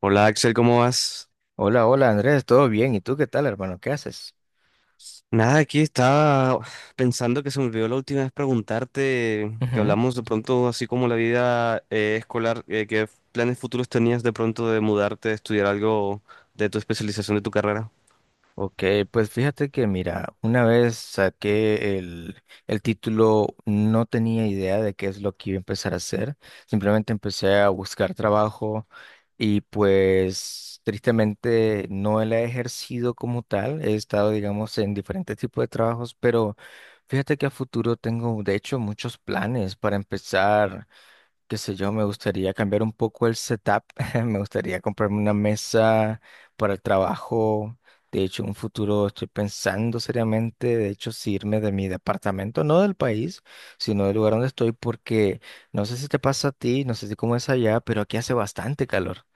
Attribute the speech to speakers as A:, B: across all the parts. A: Hola Axel, ¿cómo vas?
B: Hola, hola Andrés, ¿todo bien? ¿Y tú qué tal, hermano? ¿Qué haces?
A: Nada, aquí estaba pensando que se me olvidó la última vez preguntarte, que
B: Ujú.
A: hablamos de pronto así como la vida escolar, ¿qué planes futuros tenías de pronto de mudarte, de estudiar algo de tu especialización de tu carrera?
B: Ok, pues fíjate que mira, una vez saqué el título, no tenía idea de qué es lo que iba a empezar a hacer, simplemente empecé a buscar trabajo y pues tristemente no la he ejercido como tal, he estado digamos en diferentes tipos de trabajos, pero fíjate que a futuro tengo de hecho muchos planes para empezar. Qué sé yo, me gustaría cambiar un poco el setup, me gustaría comprarme una mesa para el trabajo. De hecho, en un futuro estoy pensando seriamente, de hecho, si irme de mi departamento, no del país, sino del lugar donde estoy, porque no sé si te pasa a ti, no sé si cómo es allá, pero aquí hace bastante calor.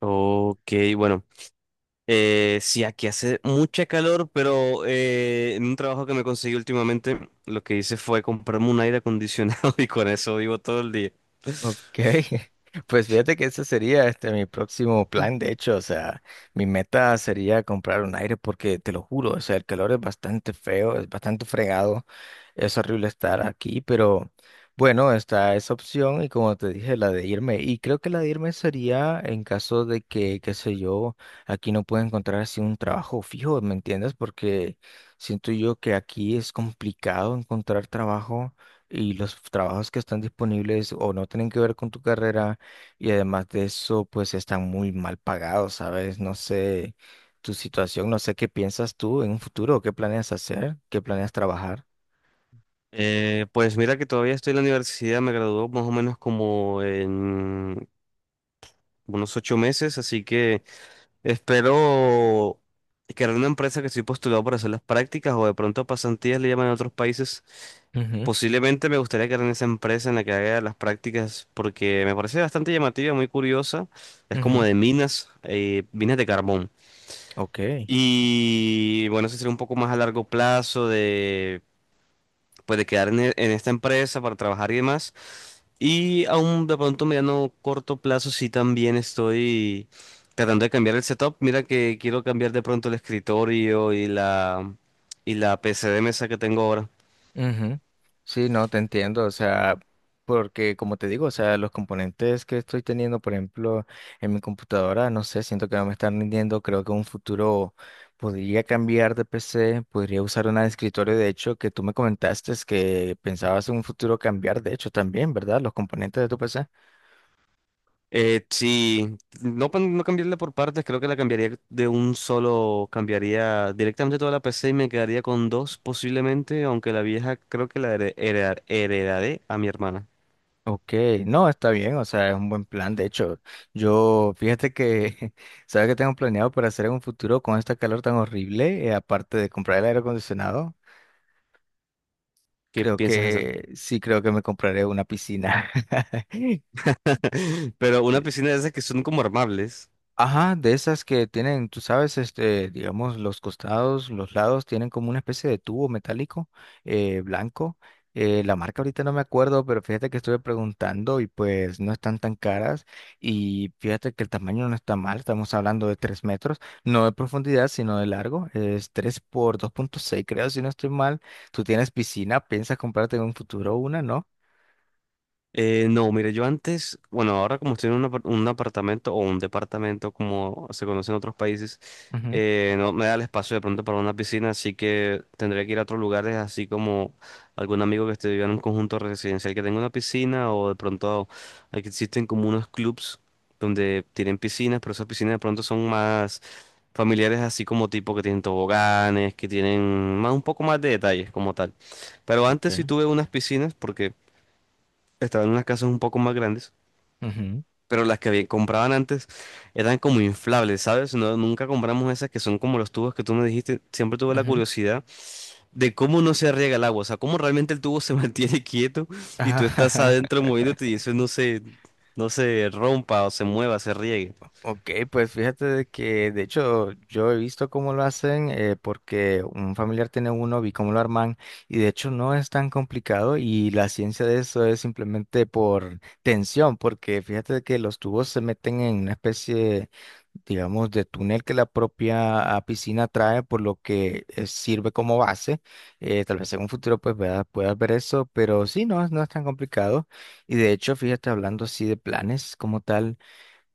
A: Ok, bueno, sí, aquí hace mucha calor, pero en un trabajo que me conseguí últimamente, lo que hice fue comprarme un aire acondicionado y con eso vivo todo el día.
B: Ok, pues fíjate que ese sería este mi próximo plan, de hecho, o sea, mi meta sería comprar un aire porque te lo juro, o sea, el calor es bastante feo, es bastante fregado, es horrible estar aquí, pero bueno, está esa opción y como te dije, la de irme, y creo que la de irme sería en caso de que, qué sé yo, aquí no pueda encontrar así un trabajo fijo, ¿me entiendes? Porque siento yo que aquí es complicado encontrar trabajo y los trabajos que están disponibles o no tienen que ver con tu carrera y además de eso, pues están muy mal pagados, ¿sabes? No sé tu situación, no sé qué piensas tú en un futuro, qué planeas hacer, qué planeas trabajar.
A: Pues mira que todavía estoy en la universidad, me graduó más o menos como en unos 8 meses, así que espero crear una empresa que estoy postulado para hacer las prácticas o de pronto pasantías le llaman en otros países.
B: Ujú,
A: Posiblemente me gustaría crear esa empresa en la que haga las prácticas porque me parece bastante llamativa, muy curiosa. Es como
B: ujú,
A: de minas, minas de carbón.
B: ok.
A: Y bueno, eso sería un poco más a largo plazo de, pues, de quedar en, en esta empresa para trabajar y demás. Y aún de pronto mediano corto plazo sí también estoy tratando de cambiar el setup. Mira que quiero cambiar de pronto el escritorio y la p c de mesa que tengo ahora.
B: Ujú. Sí, no, te entiendo, o sea, porque como te digo, o sea, los componentes que estoy teniendo, por ejemplo, en mi computadora, no sé, siento que no me están rindiendo, creo que en un futuro podría cambiar de PC, podría usar una de escritorio, de hecho, que tú me comentaste es que pensabas en un futuro cambiar, de hecho, también, ¿verdad? Los componentes de tu PC.
A: Sí, no, no cambiarla por partes, creo que la cambiaría de un solo, cambiaría directamente toda la p c y me quedaría con dos posiblemente, aunque la vieja creo que la heredaré a mi hermana.
B: Ok, no, está bien, o sea, es un buen plan, de hecho, yo, fíjate que, ¿sabes qué tengo planeado para hacer en un futuro con esta calor tan horrible? Aparte de comprar el aire acondicionado,
A: ¿Qué
B: creo
A: piensas hacer?
B: que sí, creo que me compraré una piscina.
A: Pero una
B: Sí.
A: piscina de esas que son como armables.
B: Ajá, de esas que tienen, tú sabes, este, digamos, los costados, los lados tienen como una especie de tubo metálico blanco. La marca ahorita no me acuerdo, pero fíjate que estuve preguntando y pues no están tan caras y fíjate que el tamaño no está mal, estamos hablando de 3 metros, no de profundidad, sino de largo, es 3 por dos punto seis, creo, si no estoy mal. Tú tienes piscina, piensas comprarte en un futuro una, ¿no?
A: No, mire, yo antes, bueno, ahora como estoy en un, un apartamento o un departamento como se conoce en otros países,
B: Ujú,
A: no me da el espacio de pronto para una piscina, así que tendría que ir a otros lugares, así como algún amigo que esté viviendo en un conjunto residencial que tenga una piscina o de pronto aquí existen como unos clubs donde tienen piscinas, pero esas piscinas de pronto son más familiares, así como tipo que tienen toboganes, que tienen más un poco más de detalles como tal. Pero antes sí
B: ok.
A: tuve unas piscinas porque estaban en unas casas un poco más grandes,
B: Ujú,
A: pero las que compraban antes eran como inflables, ¿sabes? No, nunca compramos esas que son como los tubos que tú me dijiste. Siempre tuve la
B: ujú.
A: curiosidad de cómo no se riega el agua, o sea, cómo realmente el tubo se mantiene quieto y
B: Ajá,
A: tú estás
B: ajá.
A: adentro moviéndote y eso no se, no se rompa o se mueva, se riegue.
B: Ok, pues fíjate de que de hecho yo he visto cómo lo hacen porque un familiar tiene uno, vi cómo lo arman y de hecho no es tan complicado y la ciencia de eso es simplemente por tensión, porque fíjate de que los tubos se meten en una especie digamos, de túnel que la propia piscina trae, por lo que sirve como base. Tal vez en un futuro pues puedas ver eso, pero sí, no, no es tan complicado. Y de hecho, fíjate, hablando así de planes como tal,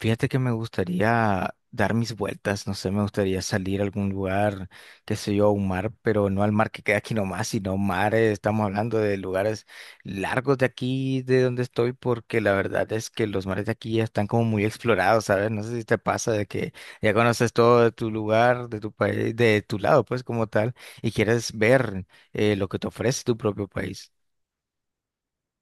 B: fíjate que me gustaría dar mis vueltas, no sé, me gustaría salir a algún lugar, qué sé yo, a un mar, pero no al mar que queda aquí nomás, sino mares, estamos hablando de lugares largos de aquí, de donde estoy, porque la verdad es que los mares de aquí ya están como muy explorados, ¿sabes? No sé si te pasa de que ya conoces todo de tu lugar, de tu país, de tu lado, pues como tal, y quieres ver lo que te ofrece tu propio país.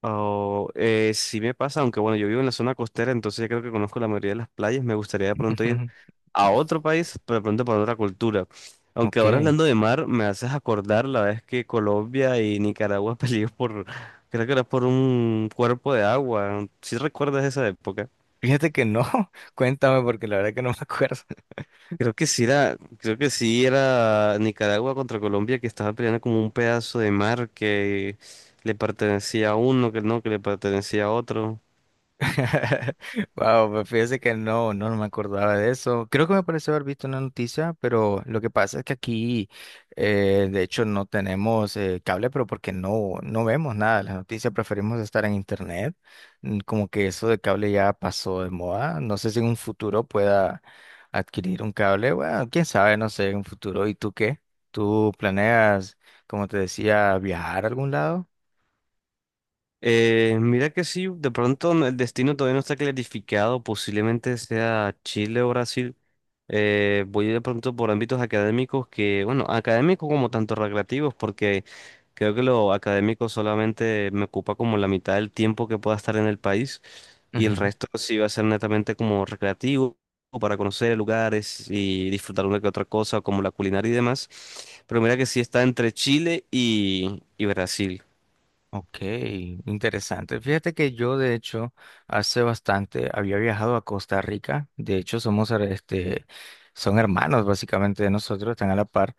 A: Oh, sí me pasa, aunque bueno, yo vivo en la zona costera, entonces ya creo que conozco la mayoría de las playas. Me gustaría de pronto ir a otro país, pero de pronto para otra cultura. Aunque
B: Ok.
A: ahora hablando de mar, me haces acordar la vez que Colombia y Nicaragua peleó por, creo que era por un cuerpo de agua. ¿Sí recuerdas esa época?
B: Fíjate que no, cuéntame porque la verdad que no me acuerdo.
A: Creo que sí era, creo que sí era Nicaragua contra Colombia que estaba peleando como un pedazo de mar que le pertenecía a uno, que no, que le pertenecía a otro.
B: Wow, pues fíjese que no, no, no me acordaba de eso. Creo que me pareció haber visto una noticia, pero lo que pasa es que aquí, de hecho, no tenemos cable, pero porque no, no vemos nada de las noticias, preferimos estar en internet. Mm, como que eso de cable ya pasó de moda. No sé si en un futuro pueda adquirir un cable. Bueno, quién sabe, no sé, en un futuro. ¿Y tú qué? ¿Tú planeas, como te decía, viajar a algún lado?
A: Mira que sí, de pronto el destino todavía no está clarificado, posiblemente sea Chile o Brasil. Voy de pronto por ámbitos académicos que, bueno, académicos como tanto recreativos, porque creo que lo académico solamente me ocupa como la mitad del tiempo que pueda estar en el país y el resto sí va a ser netamente como recreativo o para conocer lugares y disfrutar una que otra cosa, como la culinaria y demás. Pero mira que sí está entre Chile y Brasil.
B: Ok, interesante. Fíjate que yo, de hecho, hace bastante había viajado a Costa Rica. De hecho, somos, este, son hermanos básicamente de nosotros, están a la par.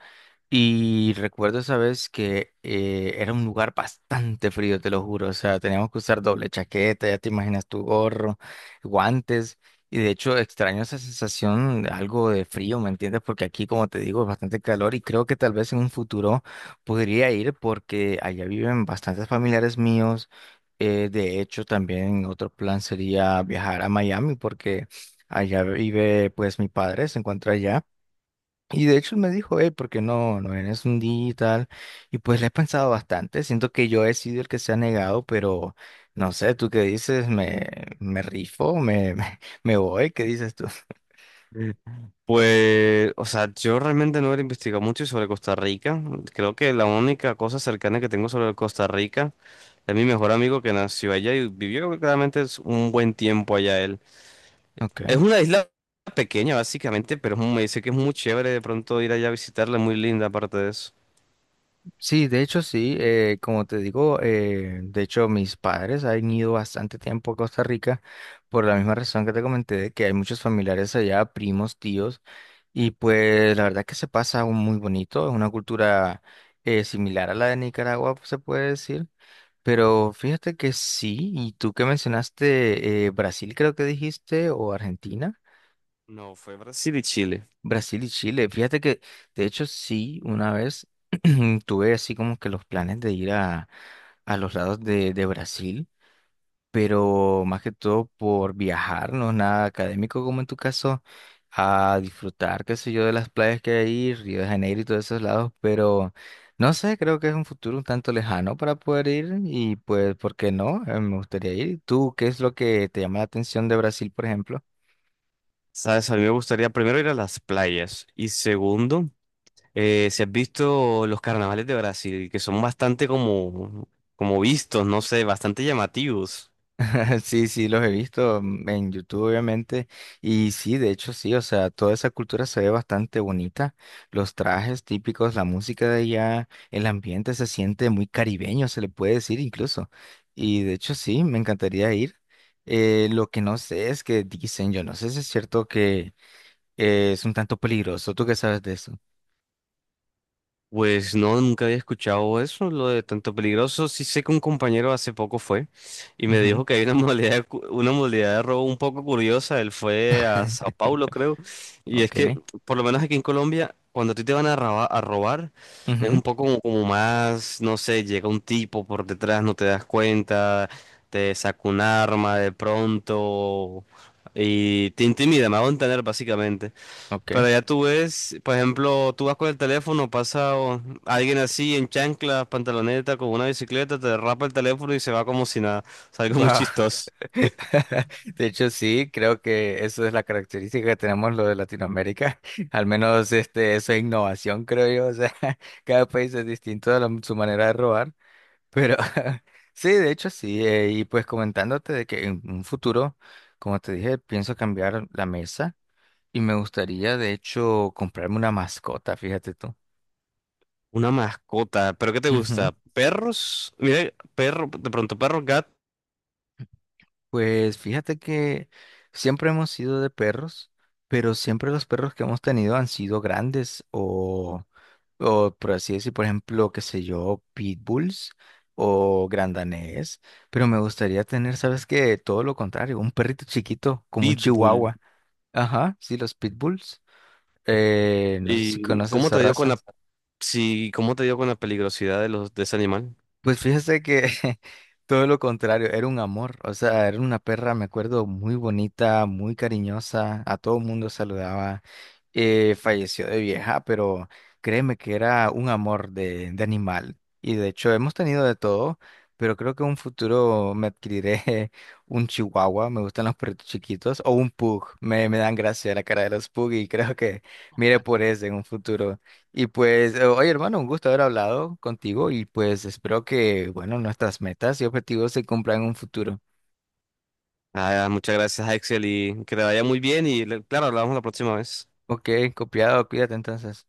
B: Y recuerdo esa vez que era un lugar bastante frío, te lo juro. O sea, teníamos que usar doble chaqueta, ya te imaginas tu gorro, guantes. Y de hecho extraño esa sensación, de algo de frío, ¿me entiendes? Porque aquí, como te digo, es bastante calor y creo que tal vez en un futuro podría ir porque allá viven bastantes familiares míos. De hecho, también otro plan sería viajar a Miami porque allá vive pues mi padre, se encuentra allá. Y de hecho me dijo, porque no, no eres un digital. Y pues le he pensado bastante. Siento que yo he sido el que se ha negado, pero no sé, tú qué dices, me rifo, me, me voy, ¿qué dices tú?
A: Pues, o sea, yo realmente no he investigado mucho sobre Costa Rica. Creo que la única cosa cercana que tengo sobre Costa Rica es mi mejor amigo que nació allá y vivió claramente es un buen tiempo allá él. Es
B: Okay.
A: una isla pequeña básicamente, pero es me dice que es muy chévere de pronto ir allá a visitarla, muy linda aparte de eso.
B: Sí, de hecho sí, como te digo, de hecho mis padres han ido bastante tiempo a Costa Rica por la misma razón que te comenté, de que hay muchos familiares allá, primos, tíos. Y pues la verdad que se pasa un muy bonito, es una cultura similar a la de Nicaragua, se puede decir. Pero fíjate que sí, y tú que mencionaste Brasil, creo que dijiste, o Argentina,
A: No, fue Brasil y Chile.
B: Brasil y Chile. Fíjate que, de hecho, sí, una vez tuve así como que los planes de ir a los lados de Brasil pero más que todo por viajar, no es nada académico como en tu caso, a disfrutar, qué sé yo, de las playas que hay ahí, Río de Janeiro y todos esos lados, pero no sé, creo que es un futuro un tanto lejano para poder ir y pues, ¿por qué no? Me gustaría ir. ¿Tú qué es lo que te llama la atención de Brasil, por ejemplo?
A: Sabes, a mí me gustaría primero ir a las playas y segundo... Si has visto los carnavales de Brasil, que son bastante como, como vistos, no sé, bastante llamativos.
B: Sí, sí, los he visto mm, en YouTube, obviamente. Y sí, de hecho, sí, o sea, toda esa cultura se ve bastante bonita. Los trajes típicos, la música de allá, el ambiente se siente muy caribeño, se le puede decir incluso. Y de hecho, sí, me encantaría ir. Lo que no sé es que dicen, yo no sé si es cierto que es un tanto peligroso. ¿Tú qué sabes de eso?
A: Pues no, nunca había escuchado eso, lo de tanto peligroso. Sí sé que un compañero hace poco fue y me
B: Ujú,
A: dijo que hay una modalidad, una modalidad de robo un poco curiosa. Él fue a Sao Paulo, creo. Y es que,
B: ok.
A: por lo menos aquí en Colombia, cuando a ti te van a a robar, es
B: Ujú,
A: un poco como, como más, no sé, llega un tipo por detrás, no te das cuenta, te saca un arma de pronto y te intimida, me hago entender básicamente.
B: ok.
A: Pero ya tú ves, por ejemplo, tú vas con el teléfono, pasa alguien así en chanclas, pantaloneta, con una bicicleta, te derrapa el teléfono y se va como si nada. Es algo muy
B: Wow.
A: chistoso.
B: De hecho, sí, creo que eso es la característica que tenemos lo de Latinoamérica. Al menos este, eso es innovación, creo yo. O sea, cada país es distinto de su manera de robar. Pero sí, de hecho, sí. Y pues comentándote de que en un futuro, como te dije, pienso cambiar la mesa y me gustaría, de hecho, comprarme una mascota, fíjate tú.
A: Una mascota, ¿pero qué te gusta? ¿Perros? Mira, perro, de pronto perro, gat,
B: Pues fíjate que siempre hemos sido de perros, pero siempre los perros que hemos tenido han sido grandes o por así decir, por ejemplo, qué sé yo, pitbulls o grandanés, pero me gustaría tener, ¿sabes qué? Todo lo contrario, un perrito chiquito como un
A: pitbull.
B: chihuahua. Ajá, sí, los pitbulls. No sé si
A: ¿Y
B: conoces
A: cómo
B: esa
A: te dio con la,
B: raza.
A: sí, cómo te dio con la peligrosidad de los de ese animal?
B: Pues fíjese que todo lo contrario, era un amor, o sea, era una perra, me acuerdo, muy bonita, muy cariñosa, a todo mundo saludaba, falleció de vieja, pero créeme que era un amor de animal. Y de hecho hemos tenido de todo, pero creo que en un futuro me adquiriré un chihuahua, me gustan los perritos chiquitos, o un pug, me dan gracia la cara de los pug y creo que mire por ese en un futuro. Y pues, oye hermano, un gusto haber hablado contigo y pues espero que, bueno, nuestras metas y objetivos se cumplan en un futuro.
A: Ah, muchas gracias, Axel, y que te vaya muy bien y claro, hablamos la próxima vez.
B: Ok, copiado, cuídate entonces.